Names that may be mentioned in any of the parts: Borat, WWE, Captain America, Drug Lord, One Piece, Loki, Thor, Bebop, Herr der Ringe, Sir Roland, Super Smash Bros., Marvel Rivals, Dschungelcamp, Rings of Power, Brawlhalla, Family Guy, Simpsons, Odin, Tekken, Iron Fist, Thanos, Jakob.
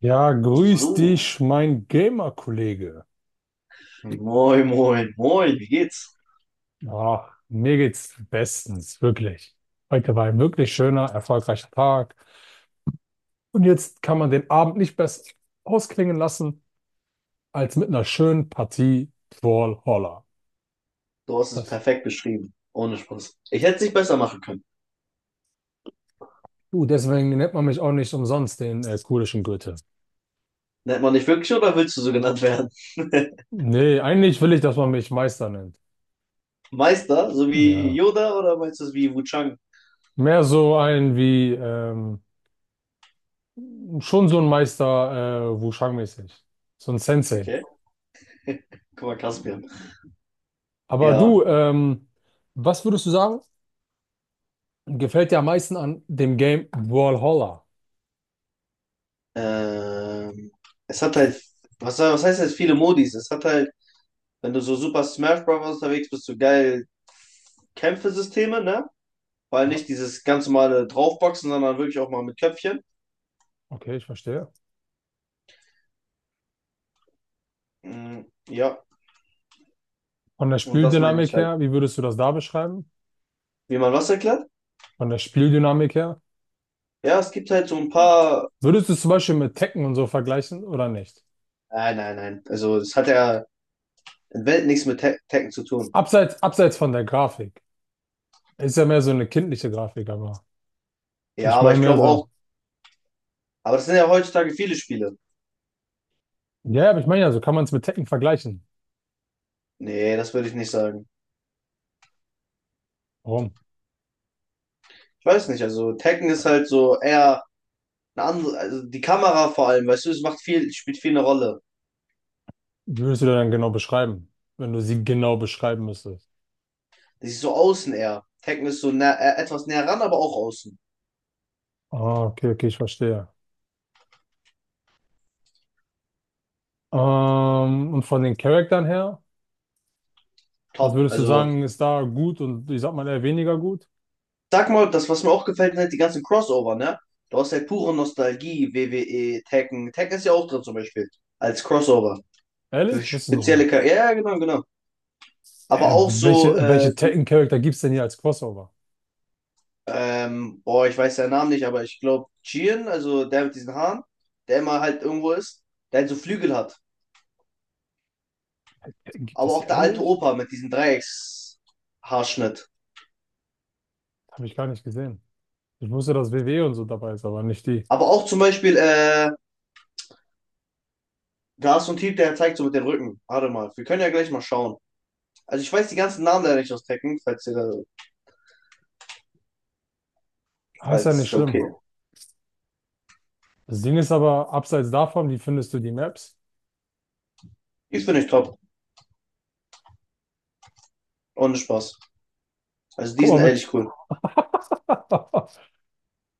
Ja, grüß So, dich, mein Gamer-Kollege. moin, moin, moin, wie geht's? Ach, mir geht's bestens, wirklich. Heute war ein wirklich schöner, erfolgreicher Tag. Und jetzt kann man den Abend nicht besser ausklingen lassen als mit einer schönen Partie Brawlhalla. Du hast es Das, perfekt beschrieben, ohne Spaß. Ich hätte es nicht besser machen können. Deswegen nennt man mich auch nicht umsonst den kurischen Goethe. Nennt man dich wirklich oder willst du so genannt werden? Nee, eigentlich will ich, dass man mich Meister nennt. Meister, so wie Ja. Yoda oder meinst du es wie Wuchang? Mehr so ein wie, schon so ein Meister, Wushang-mäßig. So ein Sensei. Okay, guck mal, Caspian. Aber Ja, du, was würdest du sagen, gefällt dir am meisten an dem Game Brawlhalla? ähm, es hat halt, was heißt jetzt viele Modis? Es hat halt, wenn du so Super Smash Bros. Unterwegs bist, so geil Kämpfesysteme, ne? Weil nicht Ja, dieses ganz normale Draufboxen, sondern wirklich auch mal mit Köpfchen. okay, ich verstehe. Mm, ja, Von der und das meine ich Spieldynamik halt. her, wie würdest du das da beschreiben? Wie man was erklärt? Von der Spieldynamik her? Ja, es gibt halt so ein paar. Würdest du es zum Beispiel mit Tekken und so vergleichen oder nicht? Nein, nein, nein. Also, es hat ja in Welt nichts mit Tekken zu tun. Abseits von der Grafik. Ist ja mehr so eine kindliche Grafik, aber Ja, ich aber meine ich mehr glaube auch. so. Aber das sind ja heutzutage viele Spiele. Ja, aber ich meine ja, so kann man es mit Tekken vergleichen. Nee, das würde ich nicht sagen. Warum? Ich weiß nicht. Also, Tekken ist halt so eher eine andere. Also, die Kamera vor allem, weißt du, es macht viel, spielt viel eine Rolle. Wie würdest du das dann genau beschreiben, wenn du sie genau beschreiben müsstest? Das ist so außen eher. Tekken ist so nä etwas näher ran, aber auch außen. Ah, okay, okay, ich verstehe. Und von den Charaktern her, was Top. würdest du Also, sagen, ist da gut und ich sag mal eher weniger gut? sag mal, das, was mir auch gefällt, sind halt die ganzen Crossover, ne? Du hast halt pure Nostalgie, WWE Tekken. Tekken ist ja auch drin zum Beispiel. Als Crossover. Für Ehrlich? Wusste ich nicht mal. spezielle Charaktere. Ja, ja, genau, genau. Aber Äh, auch so, welche welche Tekken-Charakter gibt es denn hier als Crossover? Boah, ich weiß seinen Namen nicht, aber ich glaube, Chien, also der mit diesen Haaren, der immer halt irgendwo ist, der halt so Flügel hat. Tekken gibt es Aber auch hier der alte ehrlich? Opa mit diesem Dreieckshaarschnitt. Habe ich gar nicht gesehen. Ich wusste, dass WWE und so dabei ist, aber nicht die. Aber auch zum Beispiel, da ist so ein Typ, der zeigt so mit dem Rücken. Warte mal, wir können ja gleich mal schauen. Also ich weiß die ganzen Namen leider nicht aus Tekken, falls ihr da, Ah, ist ja falls, nicht da okay. schlimm. Das Ding ist aber, abseits davon, wie findest du die Maps? Ich finde ich top. Ohne Spaß. Also die Guck sind mal bitte. ehrlich cool.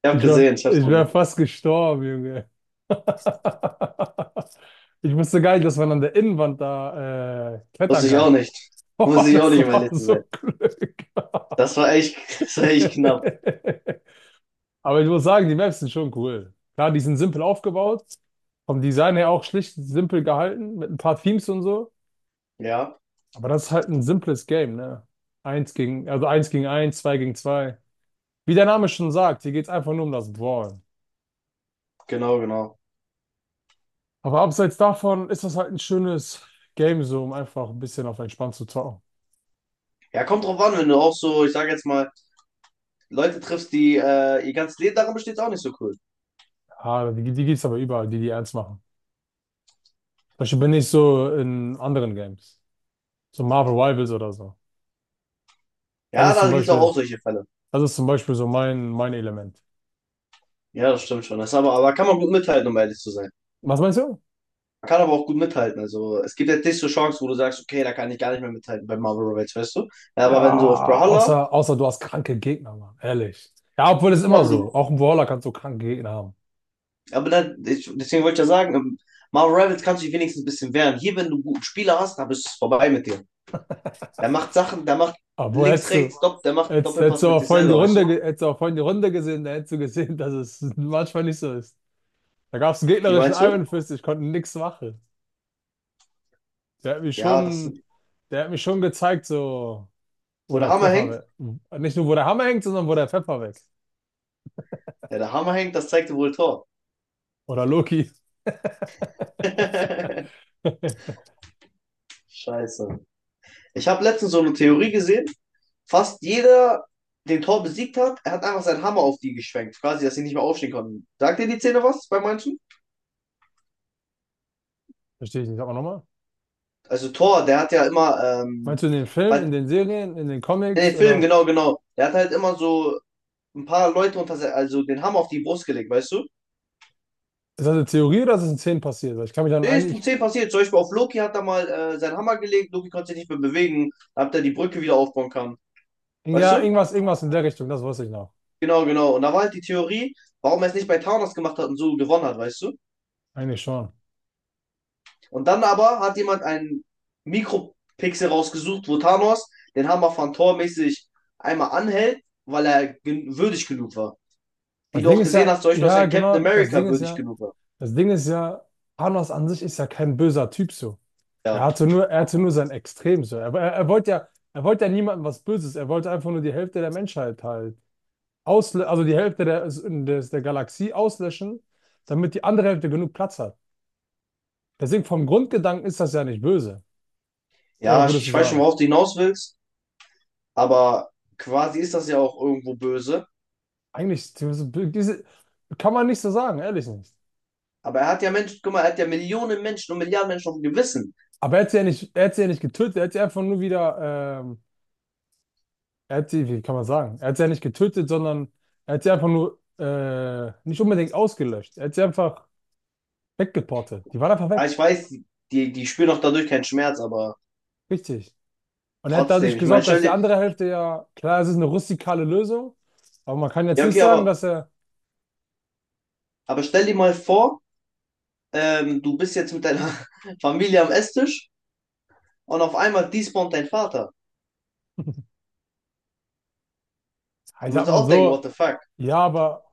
Ich hab Ich wäre gesehen, ich hab's ich wär gesehen. fast gestorben, Junge. Ich wusste gar nicht, dass man an der Innenwand da Wusste klettern ich kann. auch nicht. Oh, Wusste ich auch das nicht, um war ehrlich zu sein. so Glück. Das war echt, das war echt knapp. Aber ich muss sagen, die Maps sind schon cool. Klar, die sind simpel aufgebaut, vom Design her auch schlicht simpel gehalten, mit ein paar Themes und so. Ja, Aber das ist halt ein simples Game, ne? Also eins gegen eins, zwei gegen zwei. Wie der Name schon sagt, hier geht's einfach nur um das Brawl. genau, genau. Aber abseits davon ist das halt ein schönes Game, so um einfach ein bisschen auf entspannt zu zocken. Ja, kommt drauf an, wenn du auch so, ich sage jetzt mal, Leute triffst, die ihr ganzes Leben darin besteht, ist auch nicht so cool. Die gibt's aber überall, die ernst machen. Zum Beispiel bin ich so in anderen Games. So Marvel Rivals oder so. Das Ja, ist da zum gibt es auch, Beispiel, auch solche Fälle. das ist zum Beispiel so mein Element. Ja, das stimmt schon. Das aber kann man gut mithalten, um ehrlich zu sein. Was meinst du? Man kann aber auch gut mithalten. Also es gibt jetzt nicht so Chancen, wo du sagst, okay, da kann ich gar nicht mehr mithalten bei Marvel Rivals, weißt du? Ja, aber wenn du auf Ja, Brawlhalla, außer du hast kranke Gegner, Mann. Ehrlich. Ja, obwohl es ja, immer so. Auch im Brawler kannst du kranke Gegner haben. aber dann, deswegen wollte ich ja sagen, im Marvel Rivals kannst du dich wenigstens ein bisschen wehren. Hier, wenn du einen guten Spieler hast, dann bist du vorbei mit dir. Der macht Sachen, der macht Aber links, hättest du, rechts, der macht hättest, hättest Doppelpass du mit aber sich vorhin die selber, weißt du? Runde, ge- hättest du aber vorhin die Runde gesehen, da hättest du gesehen, dass es manchmal nicht so ist. Da gab es einen Wie gegnerischen meinst du? Iron Fist, ich konnte nichts machen. Der hat mich Ja, das, schon, der hat mich schon gezeigt, so, wo wo der der Hammer Pfeffer hängt? weg. Nicht nur, wo der Hammer hängt, sondern wo der Pfeffer weg. Ja, der Hammer hängt, das zeigte wohl Tor. Oder Loki. Scheiße. Ich habe letztens so eine Theorie gesehen. Fast jeder, den Tor besiegt hat, er hat einfach seinen Hammer auf die geschwenkt, quasi, dass sie nicht mehr aufstehen konnten. Sagt dir die Szene was bei manchen? Verstehe ich nicht. Aber nochmal. Also Tor, der hat ja immer, Meinst du in den Filmen, in halt den Serien, in den in Comics den Filmen, oder genau, genau. Der hat halt immer so ein paar Leute unter, also den Hammer auf die Brust gelegt, weißt du? ist das eine Theorie oder ist das in Szenen passiert? Weil ich kann mich dann Nee, ist um eigentlich. 10 passiert. Zum Beispiel auf Loki hat er mal seinen Hammer gelegt. Loki konnte sich nicht mehr bewegen. Da hat er die Brücke wieder aufbauen kann, weißt Ja, du? irgendwas in der Richtung, das weiß ich noch. Genau, genau. Und da war halt die Theorie, warum er es nicht bei Thanos gemacht hat und so gewonnen hat, weißt du? Eigentlich schon. Und dann aber hat jemand einen Mikropixel rausgesucht, wo Thanos den Hammer von Thor mäßig einmal anhält, weil er gen würdig genug war. Wie Das du Ding auch ist gesehen ja, hast, zum Beispiel, dass ja, ein Captain genau, das America Ding ist würdig ja, genug war. das Ding ist ja, Thanos an sich ist ja kein böser Typ so. Er Ja, hatte nur, er hatte nur sein Extrem so. Er wollte ja niemandem was Böses. Er wollte einfach nur die Hälfte der Menschheit halt ausle also die Hälfte der Galaxie auslöschen, damit die andere Hälfte genug Platz hat. Deswegen vom Grundgedanken ist das ja nicht böse. Oder ja ich, würdest du ich weiß schon, sagen? worauf du hinaus willst, aber quasi ist das ja auch irgendwo böse. Eigentlich diese kann man nicht so sagen, ehrlich nicht. Aber er hat ja Menschen, guck mal, er hat ja Millionen Menschen und Milliarden Menschen auf dem Gewissen. Aber er hat sie ja nicht getötet, er hat sie einfach nur wieder, er hat sie, wie kann man sagen? Er hat sie ja nicht getötet, sondern er hat sie einfach nur nicht unbedingt ausgelöscht. Er hat sie einfach weggeportet. Die waren einfach Aber weg. ich weiß, die spüren auch dadurch keinen Schmerz, aber Richtig. Und er hat trotzdem. dadurch Ich meine, gesorgt, dass die andere Hälfte ja, klar, es ist eine rustikale Lösung, aber man kann jetzt ja, nicht okay, sagen, aber, dass er, aber stell dir mal vor, du bist jetzt mit deiner Familie am Esstisch und auf einmal despawnt dein Vater. ich Du sag würdest mal auch denken, what so, the fuck? ja, aber.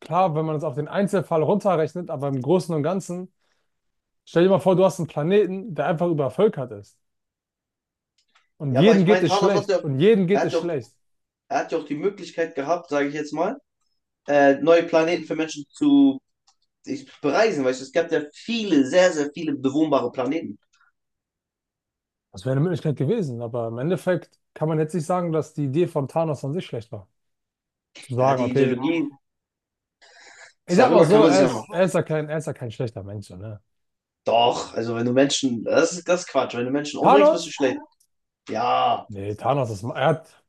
Klar, wenn man es auf den Einzelfall runterrechnet, aber im Großen und Ganzen, stell dir mal vor, du hast einen Planeten, der einfach übervölkert ist. Und Ja, aber jedem ich geht meine, es Thanos hat schlecht. ja, Und jedem er geht hat es ja auch, schlecht. er hat ja auch die Möglichkeit gehabt, sage ich jetzt mal, neue Planeten für Menschen zu bereisen, weißt du, es gab ja viele, sehr, sehr viele bewohnbare Planeten. Das wäre eine Möglichkeit gewesen. Aber im Endeffekt kann man jetzt nicht sagen, dass die Idee von Thanos an sich schlecht war. Zu Ja, sagen, die okay, Ideologie, ich sag mal darüber so, kann man sich er ja ist, noch. er ist ja kein, er ist ja kein schlechter Mensch, so, ne? Doch, also wenn du Menschen, das ist Quatsch, wenn du Menschen umbringst, bist du Thanos? schlecht. Ja, Nee, Thanos ist, er hat,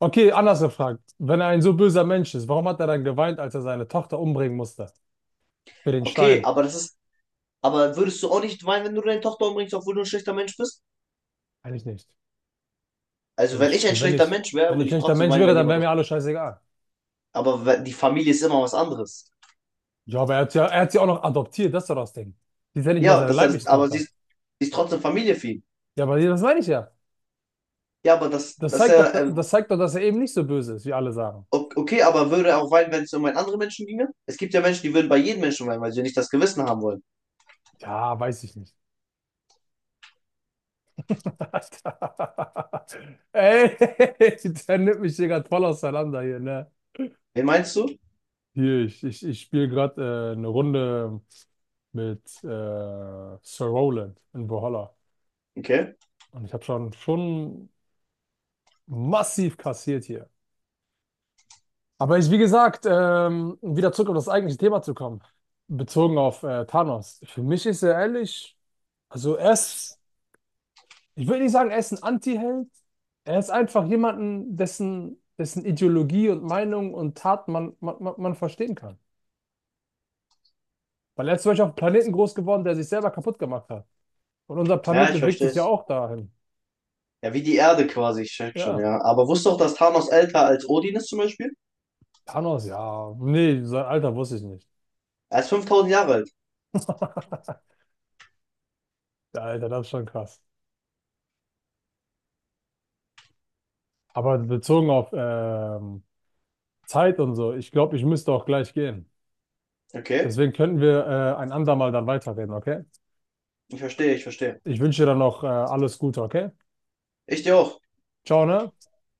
okay, anders gefragt. Wenn er ein so böser Mensch ist, warum hat er dann geweint, als er seine Tochter umbringen musste? Für den okay, Stein? Aber würdest du auch nicht weinen, wenn du deine Tochter umbringst, obwohl du ein schlechter Mensch bist? Eigentlich nicht. Also Wenn wenn ich, ich ein wenn schlechter ich, Mensch wäre, wenn ich ein würde ich schlechter trotzdem Mensch weinen, wäre, wenn dann jemand wäre das. mir alles scheißegal. Aber die Familie ist immer was anderes. Ja, aber er hat sie auch noch adoptiert, das ist doch das Ding. Die ist ja nicht mal Ja, seine das heißt, leibliche aber sie Tochter. ist, sie ist trotzdem Familie für ihn. Ja, aber das meine ich ja. Ja, aber das, Das das ist zeigt doch, ja das zeigt doch, dass er eben nicht so böse ist, wie alle sagen. Okay, aber würde er auch weinen, wenn es um einen anderen Menschen ginge? Es gibt ja Menschen, die würden bei jedem Menschen weinen, weil sie ja nicht das Gewissen haben wollen. Ja, weiß ich nicht. Ey, der nimmt mich hier gerade voll auseinander hier, ne? Wen meinst du? Hier, ich spiele gerade eine Runde mit Sir Roland in Brawlhalla. Okay. Und ich habe schon massiv kassiert hier. Aber ich, wie gesagt, um wieder zurück auf das eigentliche Thema zu kommen, bezogen auf Thanos. Für mich ist er ehrlich, also er ist, ich will nicht sagen, er ist ein Anti-Held. Er ist einfach jemanden, dessen Ideologie und Meinung und Tat man verstehen kann. Weil er ist zum Beispiel auf einem Planeten groß geworden, der sich selber kaputt gemacht hat. Und unser Planet Ja, ich bewegt verstehe sich ja es. auch dahin. Ja, wie die Erde quasi, ich check schon, Ja, ja. Aber wusstest du auch, dass Thanos älter als Odin ist zum Beispiel? Thanos, ja. Nee, sein Alter wusste ich nicht. Er ist 5.000 Jahre alt. Ja, Alter, das ist schon krass. Aber bezogen auf Zeit und so. Ich glaube, ich müsste auch gleich gehen. Okay. Deswegen könnten wir ein andermal dann weiterreden, okay? Ich verstehe, ich verstehe. Ich wünsche dir dann noch alles Gute, okay? Ich dir auch. Ciao, ne?